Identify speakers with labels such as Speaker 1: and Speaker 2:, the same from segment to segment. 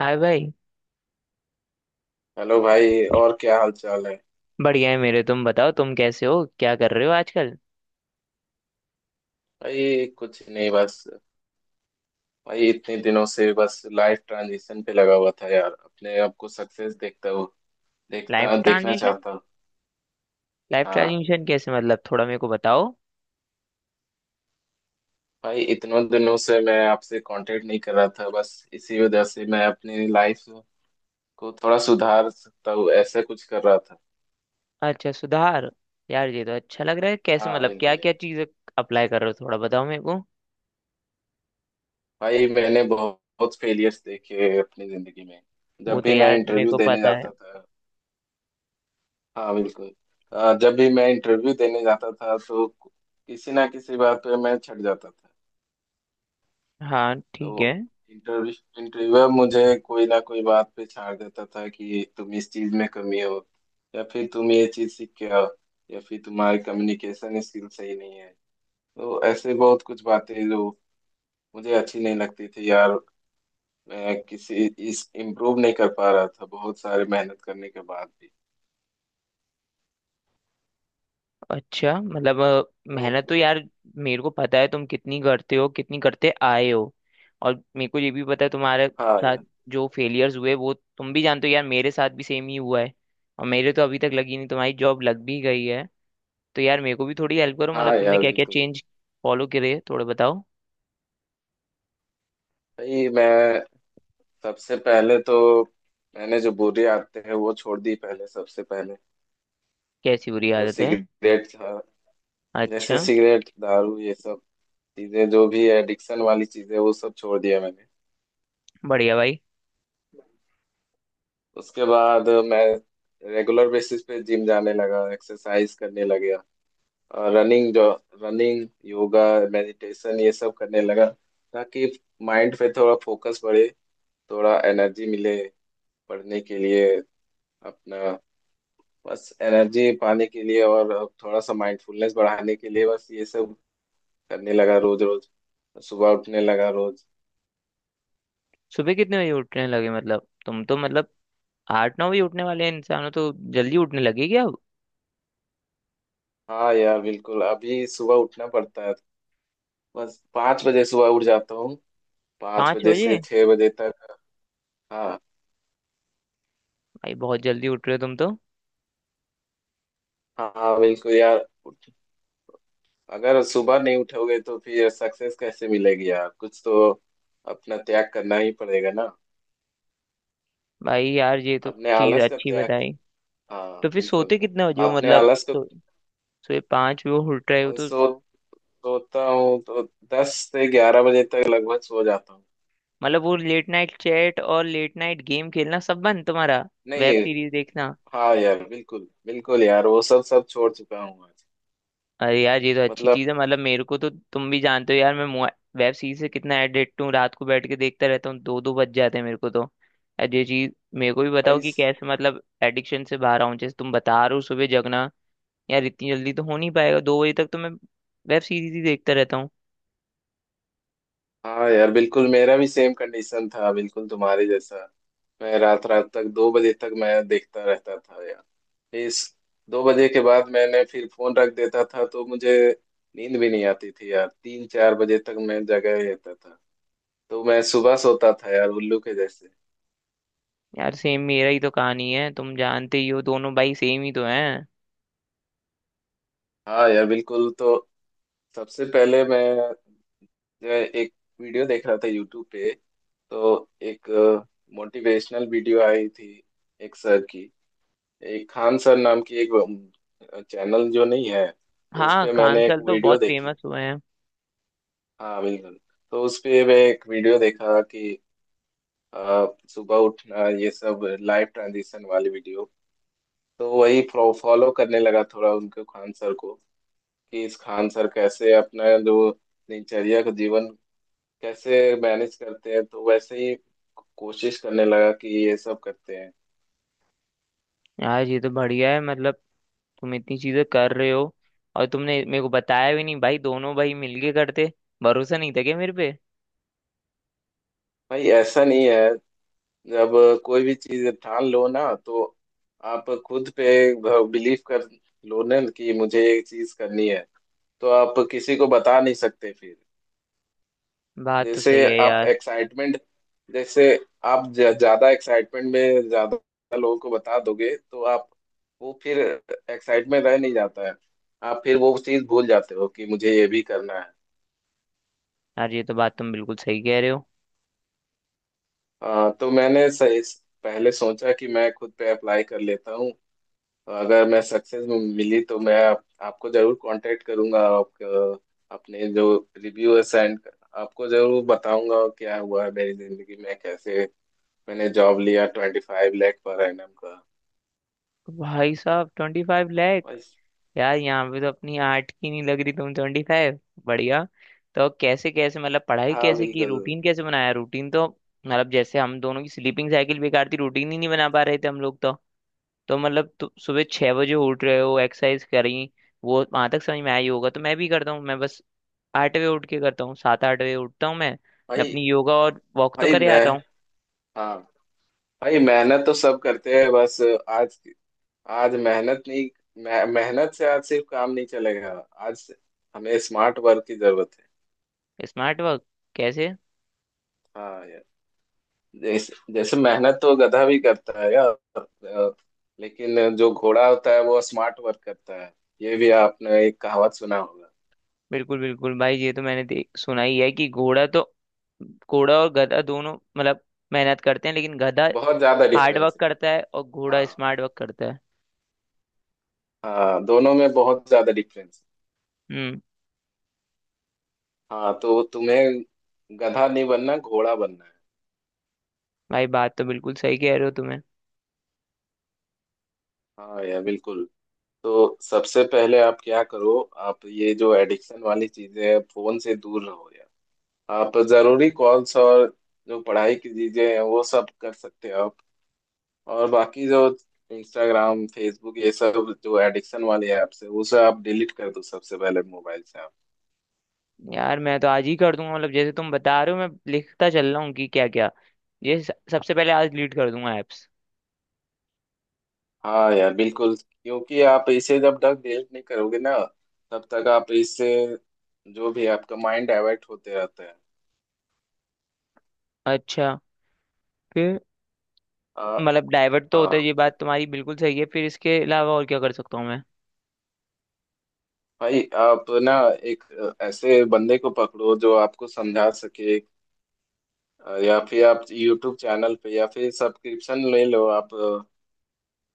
Speaker 1: हाय भाई।
Speaker 2: हेलो भाई। और क्या हाल चाल है।
Speaker 1: बढ़िया है मेरे, तुम बताओ, तुम कैसे हो, क्या कर रहे हो आजकल।
Speaker 2: भाई कुछ नहीं बस। भाई इतने दिनों से बस लाइफ ट्रांजिशन पे लगा हुआ था यार। अपने आप को सक्सेस देखता हूँ।
Speaker 1: लाइफ
Speaker 2: देखता देखना
Speaker 1: ट्रांजिशन
Speaker 2: चाहता हूँ।
Speaker 1: लाइफ
Speaker 2: हाँ।
Speaker 1: ट्रांजिशन कैसे मतलब, थोड़ा मेरे को बताओ।
Speaker 2: भाई इतनों दिनों से मैं आपसे कांटेक्ट नहीं कर रहा था, बस इसी वजह से मैं अपनी लाइफ को थोड़ा सुधार सकता हूँ ऐसा कुछ कर रहा था।
Speaker 1: अच्छा, सुधार। यार ये तो अच्छा लग रहा है, कैसे
Speaker 2: हाँ
Speaker 1: मतलब क्या
Speaker 2: बिल्कुल यार।
Speaker 1: क्या चीज़ें अप्लाई कर रहे हो, थोड़ा बताओ मेरे को।
Speaker 2: भाई मैंने बहुत फेलियर्स देखे अपनी जिंदगी में।
Speaker 1: वो
Speaker 2: जब
Speaker 1: तो
Speaker 2: भी मैं
Speaker 1: यार मेरे
Speaker 2: इंटरव्यू
Speaker 1: को
Speaker 2: देने
Speaker 1: पता है।
Speaker 2: जाता था। हाँ बिल्कुल। जब भी मैं इंटरव्यू देने जाता था तो किसी ना किसी बात पे मैं छट जाता था।
Speaker 1: हाँ, ठीक है।
Speaker 2: तो इंटरव्यू इंटरव्यूअर मुझे कोई ना कोई बात पे छाड़ देता था कि तुम इस चीज में कमी हो, या फिर तुम ये चीज सीख के आओ, या फिर तुम्हारी कम्युनिकेशन स्किल सही नहीं है। तो ऐसे बहुत कुछ बातें जो मुझे अच्छी नहीं लगती थी यार। मैं किसी इस इम्प्रूव नहीं कर पा रहा था बहुत सारे मेहनत करने के बाद भी।
Speaker 1: अच्छा मतलब
Speaker 2: तो
Speaker 1: मेहनत तो यार मेरे को पता है, तुम कितनी करते हो, कितनी करते आए हो। और मेरे को ये भी पता है तुम्हारे
Speaker 2: हाँ
Speaker 1: साथ
Speaker 2: यार।
Speaker 1: जो फेलियर्स हुए वो तुम भी जानते हो, यार मेरे साथ भी सेम ही हुआ है। और मेरे तो अभी तक लगी नहीं, तुम्हारी जॉब लग भी गई है। तो यार मेरे को भी थोड़ी हेल्प करो,
Speaker 2: हाँ
Speaker 1: मतलब तुमने
Speaker 2: यार
Speaker 1: क्या क्या
Speaker 2: बिल्कुल।
Speaker 1: चेंज फॉलो करे, थोड़ा बताओ।
Speaker 2: भाई मैं सबसे पहले तो, मैंने जो बुरी आदतें हैं वो छोड़ दी पहले सबसे पहले।
Speaker 1: कैसी बुरी
Speaker 2: जो
Speaker 1: आदत है?
Speaker 2: सिगरेट था, जैसे
Speaker 1: अच्छा।
Speaker 2: सिगरेट दारू ये सब चीजें, जो भी एडिक्शन वाली चीजें, वो सब छोड़ दिया मैंने।
Speaker 1: बढ़िया भाई।
Speaker 2: उसके बाद मैं रेगुलर बेसिस पे जिम जाने लगा, एक्सरसाइज करने लग गया। और रनिंग जो, रनिंग योगा मेडिटेशन ये सब करने लगा, ताकि माइंड पे थोड़ा फोकस बढ़े, थोड़ा एनर्जी मिले पढ़ने के लिए अपना, बस एनर्जी पाने के लिए और थोड़ा सा माइंडफुलनेस बढ़ाने के लिए। बस ये सब करने लगा रोज रोज। सुबह उठने लगा रोज।
Speaker 1: सुबह कितने बजे उठने लगे, मतलब तुम तो मतलब 8 9 बजे उठने वाले इंसान हो, तो जल्दी उठने लगे क्या?
Speaker 2: हाँ यार बिल्कुल, अभी सुबह उठना पड़ता है। बस 5 बजे सुबह उठ जाता हूँ। पाँच
Speaker 1: पाँच
Speaker 2: बजे
Speaker 1: बजे
Speaker 2: से छह बजे तक। हाँ।
Speaker 1: भाई बहुत जल्दी उठ रहे हो तुम तो।
Speaker 2: हाँ बिल्कुल यार। अगर सुबह नहीं उठोगे तो फिर सक्सेस कैसे मिलेगी यार। कुछ तो अपना त्याग करना ही पड़ेगा ना।
Speaker 1: भाई यार ये तो
Speaker 2: अपने
Speaker 1: चीज
Speaker 2: आलस का
Speaker 1: अच्छी
Speaker 2: त्याग।
Speaker 1: बताई। तो
Speaker 2: हाँ
Speaker 1: फिर
Speaker 2: बिल्कुल।
Speaker 1: सोते कितने बजे हो,
Speaker 2: अपने
Speaker 1: मतलब
Speaker 2: आलस को।
Speaker 1: सो, सोए 5 बजे उठ रहे हो तो?
Speaker 2: सो सोता हूँ तो 10 से 11 बजे तक लगभग सो जाता हूँ।
Speaker 1: मतलब वो लेट नाइट चैट और लेट नाइट गेम खेलना सब बंद तुम्हारा, वेब
Speaker 2: नहीं।
Speaker 1: सीरीज देखना?
Speaker 2: हाँ यार बिल्कुल बिल्कुल यार, वो सब सब छोड़ चुका हूँ आज।
Speaker 1: अरे यार ये तो अच्छी
Speaker 2: मतलब।
Speaker 1: चीज है, मतलब मेरे को तो तुम भी जानते हो यार, वेब सीरीज से कितना एडिक्ट हूँ, रात को बैठ के देखता रहता हूँ, दो दो बज जाते हैं मेरे को तो। यार ये चीज मेरे को भी बताओ
Speaker 2: भाई
Speaker 1: कि कैसे मतलब एडिक्शन से बाहर आऊं, जैसे तुम बता रहे हो सुबह जगना, यार इतनी जल्दी तो हो नहीं पाएगा, 2 बजे तक तो मैं वेब सीरीज ही देखता रहता हूँ।
Speaker 2: हाँ यार बिल्कुल। मेरा भी सेम कंडीशन था बिल्कुल तुम्हारे जैसा। मैं रात रात तक 2 बजे तक मैं देखता रहता था यार। इस, 2 बजे के बाद मैंने फिर फोन रख देता था तो मुझे नींद भी नहीं आती थी यार। 3-4 बजे तक मैं जगह ही रहता था। तो मैं सुबह सोता था यार उल्लू के जैसे।
Speaker 1: यार सेम मेरा ही तो कहानी है, तुम जानते ही हो दोनों भाई सेम ही तो हैं।
Speaker 2: हाँ यार बिल्कुल। तो सबसे पहले मैं एक वीडियो देख रहा था यूट्यूब पे। तो एक मोटिवेशनल वीडियो आई थी एक सर की, एक खान सर नाम की एक चैनल जो नहीं है। तो उस
Speaker 1: हाँ,
Speaker 2: पे मैंने एक
Speaker 1: कांसल तो
Speaker 2: वीडियो
Speaker 1: बहुत
Speaker 2: देखी।
Speaker 1: फेमस हुए हैं।
Speaker 2: हाँ बिल्कुल। तो उस पे मैं एक वीडियो देखा कि अ, सुबह उठना ये सब, लाइफ ट्रांजिशन वाली वीडियो। तो वही फॉलो करने लगा थोड़ा उनके खान सर को कि इस खान सर कैसे अपना जो दिनचर्या का जीवन कैसे मैनेज करते हैं, तो वैसे ही कोशिश करने लगा कि ये सब करते हैं।
Speaker 1: यार ये तो बढ़िया है, मतलब तुम इतनी चीजें कर रहे हो और तुमने मेरे को बताया भी नहीं, भाई दोनों भाई मिलके करते, भरोसा नहीं था क्या मेरे पे?
Speaker 2: भाई ऐसा नहीं है। जब कोई भी चीज ठान लो ना, तो आप खुद पे बिलीव कर लो ना कि मुझे ये चीज करनी है, तो आप किसी को बता नहीं सकते फिर।
Speaker 1: बात तो
Speaker 2: जैसे
Speaker 1: सही है
Speaker 2: आप
Speaker 1: यार।
Speaker 2: एक्साइटमेंट, जैसे आप ज्यादा एक्साइटमेंट में ज्यादा लोगों को बता दोगे तो आप, वो फिर एक्साइटमेंट रह नहीं जाता है। आप फिर वो चीज भूल जाते हो कि मुझे ये भी करना है।
Speaker 1: यार ये तो बात तुम बिल्कुल सही कह रहे हो।
Speaker 2: तो मैंने इस, पहले सोचा कि मैं खुद पे अप्लाई कर लेता हूँ। तो अगर मैं सक्सेस मिली तो मैं आपको जरूर कांटेक्ट करूंगा। अपने जो रिव्यू है आपको जरूर बताऊंगा क्या हुआ है मेरी जिंदगी में, कैसे मैंने जॉब लिया 25 लाख पर एनम का।
Speaker 1: भाई साहब 25!
Speaker 2: भाई।
Speaker 1: यार यहाँ पे तो अपनी आर्ट की नहीं लग रही, तुम 25, बढ़िया। तो कैसे कैसे मतलब पढ़ाई
Speaker 2: हाँ
Speaker 1: कैसे की,
Speaker 2: बिल्कुल।
Speaker 1: रूटीन कैसे बनाया, रूटीन तो मतलब जैसे हम दोनों की स्लीपिंग साइकिल बेकार थी, रूटीन ही नहीं बना पा रहे थे हम लोग तो। तो मतलब तो सुबह 6 बजे उठ रहे हो एक्सरसाइज करी, वो वहां तक समझ में आई होगा, तो मैं भी करता हूँ, मैं बस 8 बजे उठ के करता हूँ, 7 8 बजे उठता हूँ मैं। मैं
Speaker 2: भाई।
Speaker 1: अपनी योगा और वॉक तो
Speaker 2: भाई
Speaker 1: करे
Speaker 2: मैं।
Speaker 1: आता हूँ।
Speaker 2: हाँ भाई, मेहनत तो सब करते हैं बस। आज, आज मेहनत नहीं, मेहनत से आज सिर्फ काम नहीं चलेगा। आज हमें स्मार्ट वर्क की जरूरत है।
Speaker 1: स्मार्ट वर्क कैसे?
Speaker 2: हाँ यार। जैसे जैसे, मेहनत तो गधा भी करता है यार। अ, लेकिन जो घोड़ा होता है वो स्मार्ट वर्क करता है। ये भी आपने एक कहावत सुना होगा।
Speaker 1: बिल्कुल बिल्कुल भाई, ये तो मैंने देख सुना ही है कि घोड़ा तो, घोड़ा और गधा दोनों मतलब मेहनत करते हैं, लेकिन गधा
Speaker 2: बहुत ज्यादा
Speaker 1: हार्ड
Speaker 2: डिफरेंस
Speaker 1: वर्क
Speaker 2: है।
Speaker 1: करता है और घोड़ा
Speaker 2: हाँ।
Speaker 1: स्मार्ट वर्क करता है।
Speaker 2: हाँ, दोनों में बहुत ज्यादा डिफरेंस
Speaker 1: हम्म।
Speaker 2: है। हाँ तो तुम्हें गधा नहीं बनना, घोड़ा बनना है।
Speaker 1: भाई बात तो बिल्कुल सही कह रहे हो तुम्हें।
Speaker 2: हाँ यार बिल्कुल। तो सबसे पहले आप क्या करो, आप ये जो एडिक्शन वाली चीजें हैं फोन से दूर रहो यार। आप जरूरी कॉल्स और जो पढ़ाई की चीजें हैं वो सब कर सकते हो आप। और बाकी जो इंस्टाग्राम फेसबुक ये सब जो एडिक्शन वाले ऐप्स है, उसे आप डिलीट कर दो सबसे पहले मोबाइल से आप।
Speaker 1: यार मैं तो आज ही कर दूंगा, मतलब जैसे तुम बता रहे हो मैं लिखता चल रहा हूँ कि क्या क्या, ये सबसे पहले आज डिलीट कर दूंगा एप्स।
Speaker 2: हाँ यार बिल्कुल। क्योंकि आप इसे जब तक डिलीट नहीं करोगे ना, तब तक आप इससे, जो भी आपका माइंड डाइवर्ट होते रहता है।
Speaker 1: अच्छा, फिर?
Speaker 2: आ,
Speaker 1: मतलब डाइवर्ट तो होता है,
Speaker 2: हाँ
Speaker 1: ये बात तुम्हारी बिल्कुल सही है, फिर इसके अलावा और क्या कर सकता हूँ मैं?
Speaker 2: भाई, आप ना एक ऐसे बंदे को पकड़ो जो आपको समझा सके। या फिर आप YouTube चैनल पे, या फिर सब्सक्रिप्शन ले लो आप।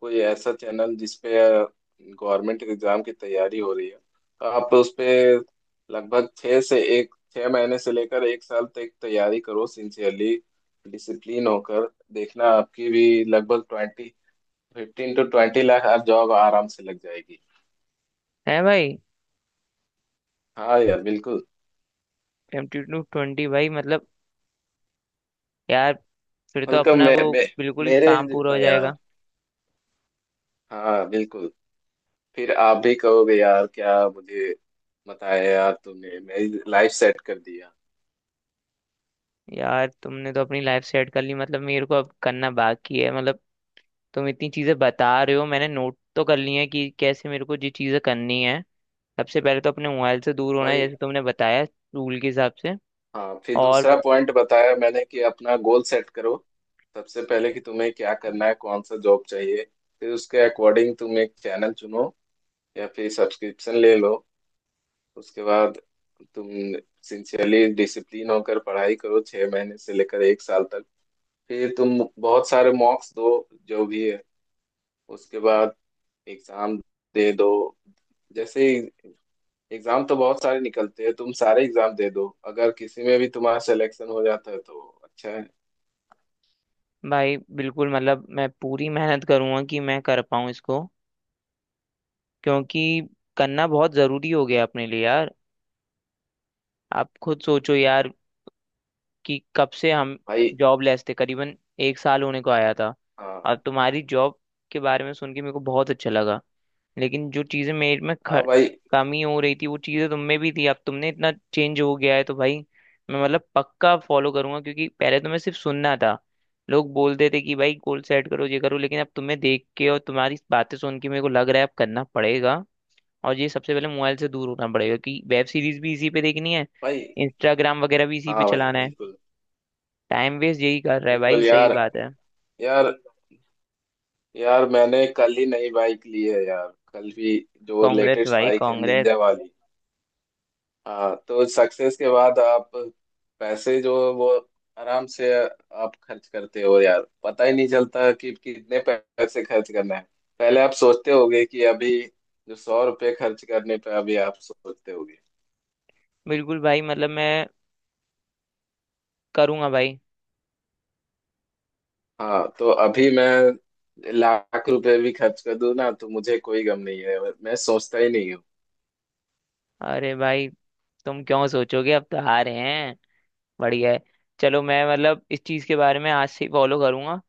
Speaker 2: कोई ऐसा चैनल जिसपे गवर्नमेंट एग्जाम की तैयारी हो रही है, तो आप उस पे लगभग 6 महीने से लेकर 1 साल तक तैयारी करो सिंसियरली डिसिप्लिन होकर। देखना, आपकी भी लगभग ट्वेंटी 15 से 20 लाख आप जॉब आराम से लग जाएगी।
Speaker 1: है भाई,
Speaker 2: हाँ यार बिल्कुल।
Speaker 1: एम टू ट्वेंटी भाई मतलब, यार फिर तो
Speaker 2: मतलब
Speaker 1: अपना
Speaker 2: मैं,
Speaker 1: वो
Speaker 2: मैं
Speaker 1: बिल्कुल ही
Speaker 2: मेरे
Speaker 1: काम पूरा
Speaker 2: जितना
Speaker 1: हो
Speaker 2: यार।
Speaker 1: जाएगा।
Speaker 2: हाँ बिल्कुल। फिर आप भी कहोगे यार क्या मुझे बताया यार तूने, मेरी लाइफ सेट कर दिया।
Speaker 1: यार तुमने तो अपनी लाइफ सेट कर ली, मतलब मेरे को अब करना बाकी है, मतलब तुम इतनी चीजें बता रहे हो, मैंने नोट तो कर ली है कि कैसे मेरे को ये चीजें करनी है, सबसे पहले तो अपने मोबाइल से दूर होना है
Speaker 2: भाई।
Speaker 1: जैसे तुमने बताया, रूल के हिसाब से।
Speaker 2: हाँ, फिर
Speaker 1: और
Speaker 2: दूसरा पॉइंट बताया मैंने कि अपना गोल सेट करो सबसे पहले, कि तुम्हें क्या करना है, कौन सा जॉब चाहिए। फिर उसके अकॉर्डिंग तुम एक चैनल चुनो या फिर सब्सक्रिप्शन ले लो। उसके बाद तुम सिंसियरली डिसिप्लिन होकर पढ़ाई करो 6 महीने से लेकर 1 साल तक। फिर तुम बहुत सारे मॉक्स दो जो भी है। उसके बाद एग्जाम दे दो। जैसे एग्जाम तो बहुत सारे निकलते हैं, तुम सारे एग्जाम दे दो, अगर किसी में भी तुम्हारा सिलेक्शन हो जाता है तो अच्छा है।
Speaker 1: भाई बिल्कुल मतलब मैं पूरी मेहनत करूंगा कि मैं कर पाऊँ इसको, क्योंकि करना बहुत जरूरी हो गया अपने लिए यार, आप खुद सोचो यार, कि कब से हम
Speaker 2: भाई।
Speaker 1: जॉबलेस थे, करीबन एक साल होने को आया था। और
Speaker 2: हाँ।
Speaker 1: तुम्हारी जॉब के बारे में सुन के मेरे को बहुत अच्छा लगा, लेकिन जो चीज़ें मेरे में
Speaker 2: हाँ भाई।
Speaker 1: कमी हो रही थी, वो चीज़ें तुम में भी थी, अब तुमने इतना चेंज हो गया है तो भाई मैं मतलब पक्का फॉलो करूंगा, क्योंकि पहले तो मैं सिर्फ सुनना था, लोग बोलते थे कि भाई गोल सेट करो, ये करो, लेकिन अब तुम्हें देख के और तुम्हारी बातें सुन के मेरे को लग रहा है अब करना पड़ेगा। और ये सबसे पहले मोबाइल से दूर होना पड़ेगा, कि वेब सीरीज भी इसी पे देखनी है,
Speaker 2: भाई।
Speaker 1: इंस्टाग्राम वगैरह भी इसी पे
Speaker 2: हाँ भाई,
Speaker 1: चलाना है,
Speaker 2: बिल्कुल
Speaker 1: टाइम वेस्ट यही कर रहा है भाई,
Speaker 2: बिल्कुल
Speaker 1: सही
Speaker 2: यार।
Speaker 1: बात है।
Speaker 2: यार, यार, मैंने कल ही नई बाइक ली है यार। कल भी, जो
Speaker 1: कांग्रेस
Speaker 2: लेटेस्ट
Speaker 1: भाई,
Speaker 2: बाइक है
Speaker 1: कांग्रेस।
Speaker 2: निंजा वाली। हाँ, तो सक्सेस के बाद आप पैसे जो है वो आराम से आप खर्च करते हो यार, पता ही नहीं चलता कि कितने पैसे खर्च करना है। पहले आप सोचते होगे कि अभी जो 100 रुपये खर्च करने पे, अभी आप सोचते होगे।
Speaker 1: बिल्कुल भाई, मतलब मैं करूंगा भाई।
Speaker 2: हाँ, तो अभी मैं लाख रुपए भी खर्च कर दूं ना तो मुझे कोई गम नहीं है, मैं सोचता ही नहीं हूँ।
Speaker 1: अरे भाई, तुम क्यों सोचोगे, अब तो हारे हैं, बढ़िया है। चलो, मैं मतलब इस चीज के बारे में आज से ही फॉलो करूंगा,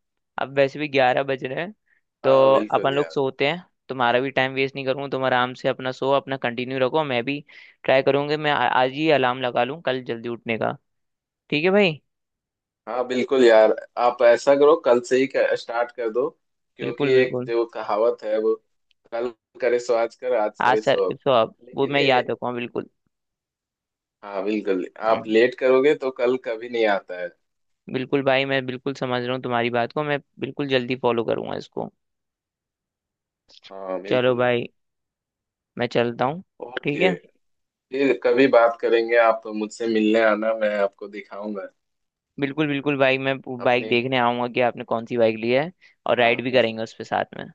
Speaker 1: अब वैसे भी 11 बज रहे हैं, तो
Speaker 2: हाँ
Speaker 1: अपन
Speaker 2: बिल्कुल
Speaker 1: लोग
Speaker 2: यार।
Speaker 1: सोते हैं। तुम्हारा भी टाइम वेस्ट नहीं करूंगा, तुम आराम से अपना सो अपना कंटिन्यू रखो, मैं भी ट्राई करूंगा, मैं आज ही अलार्म लगा लूँ कल जल्दी उठने का। ठीक है भाई।
Speaker 2: हाँ बिल्कुल यार। आप ऐसा करो कल से ही स्टार्ट कर दो।
Speaker 1: बिल्कुल
Speaker 2: क्योंकि एक
Speaker 1: बिल्कुल,
Speaker 2: जो कहावत है वो, कल करे सो आज, कर आज
Speaker 1: आज
Speaker 2: करे
Speaker 1: सर
Speaker 2: सो अब।
Speaker 1: सो अब, वो
Speaker 2: लेकिन
Speaker 1: मैं
Speaker 2: ये।
Speaker 1: याद रखूंगा बिल्कुल।
Speaker 2: हाँ बिल्कुल। आप
Speaker 1: हम्म।
Speaker 2: लेट करोगे तो कल कभी नहीं आता है।
Speaker 1: बिल्कुल भाई, मैं बिल्कुल समझ रहा हूँ तुम्हारी बात को, मैं बिल्कुल जल्दी फॉलो करूंगा इसको।
Speaker 2: हाँ
Speaker 1: चलो
Speaker 2: बिल्कुल।
Speaker 1: भाई, मैं चलता हूँ। ठीक
Speaker 2: ओके,
Speaker 1: है।
Speaker 2: फिर कभी बात करेंगे, आप मुझसे मिलने आना, मैं आपको दिखाऊंगा
Speaker 1: बिल्कुल बिल्कुल भाई, मैं बाइक
Speaker 2: अपने।
Speaker 1: देखने आऊंगा कि आपने कौन सी बाइक ली है, और
Speaker 2: हाँ
Speaker 1: राइड भी
Speaker 2: बिल्कुल
Speaker 1: करेंगे उस पे साथ में।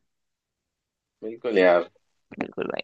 Speaker 2: बिल्कुल यार।
Speaker 1: बिल्कुल भाई।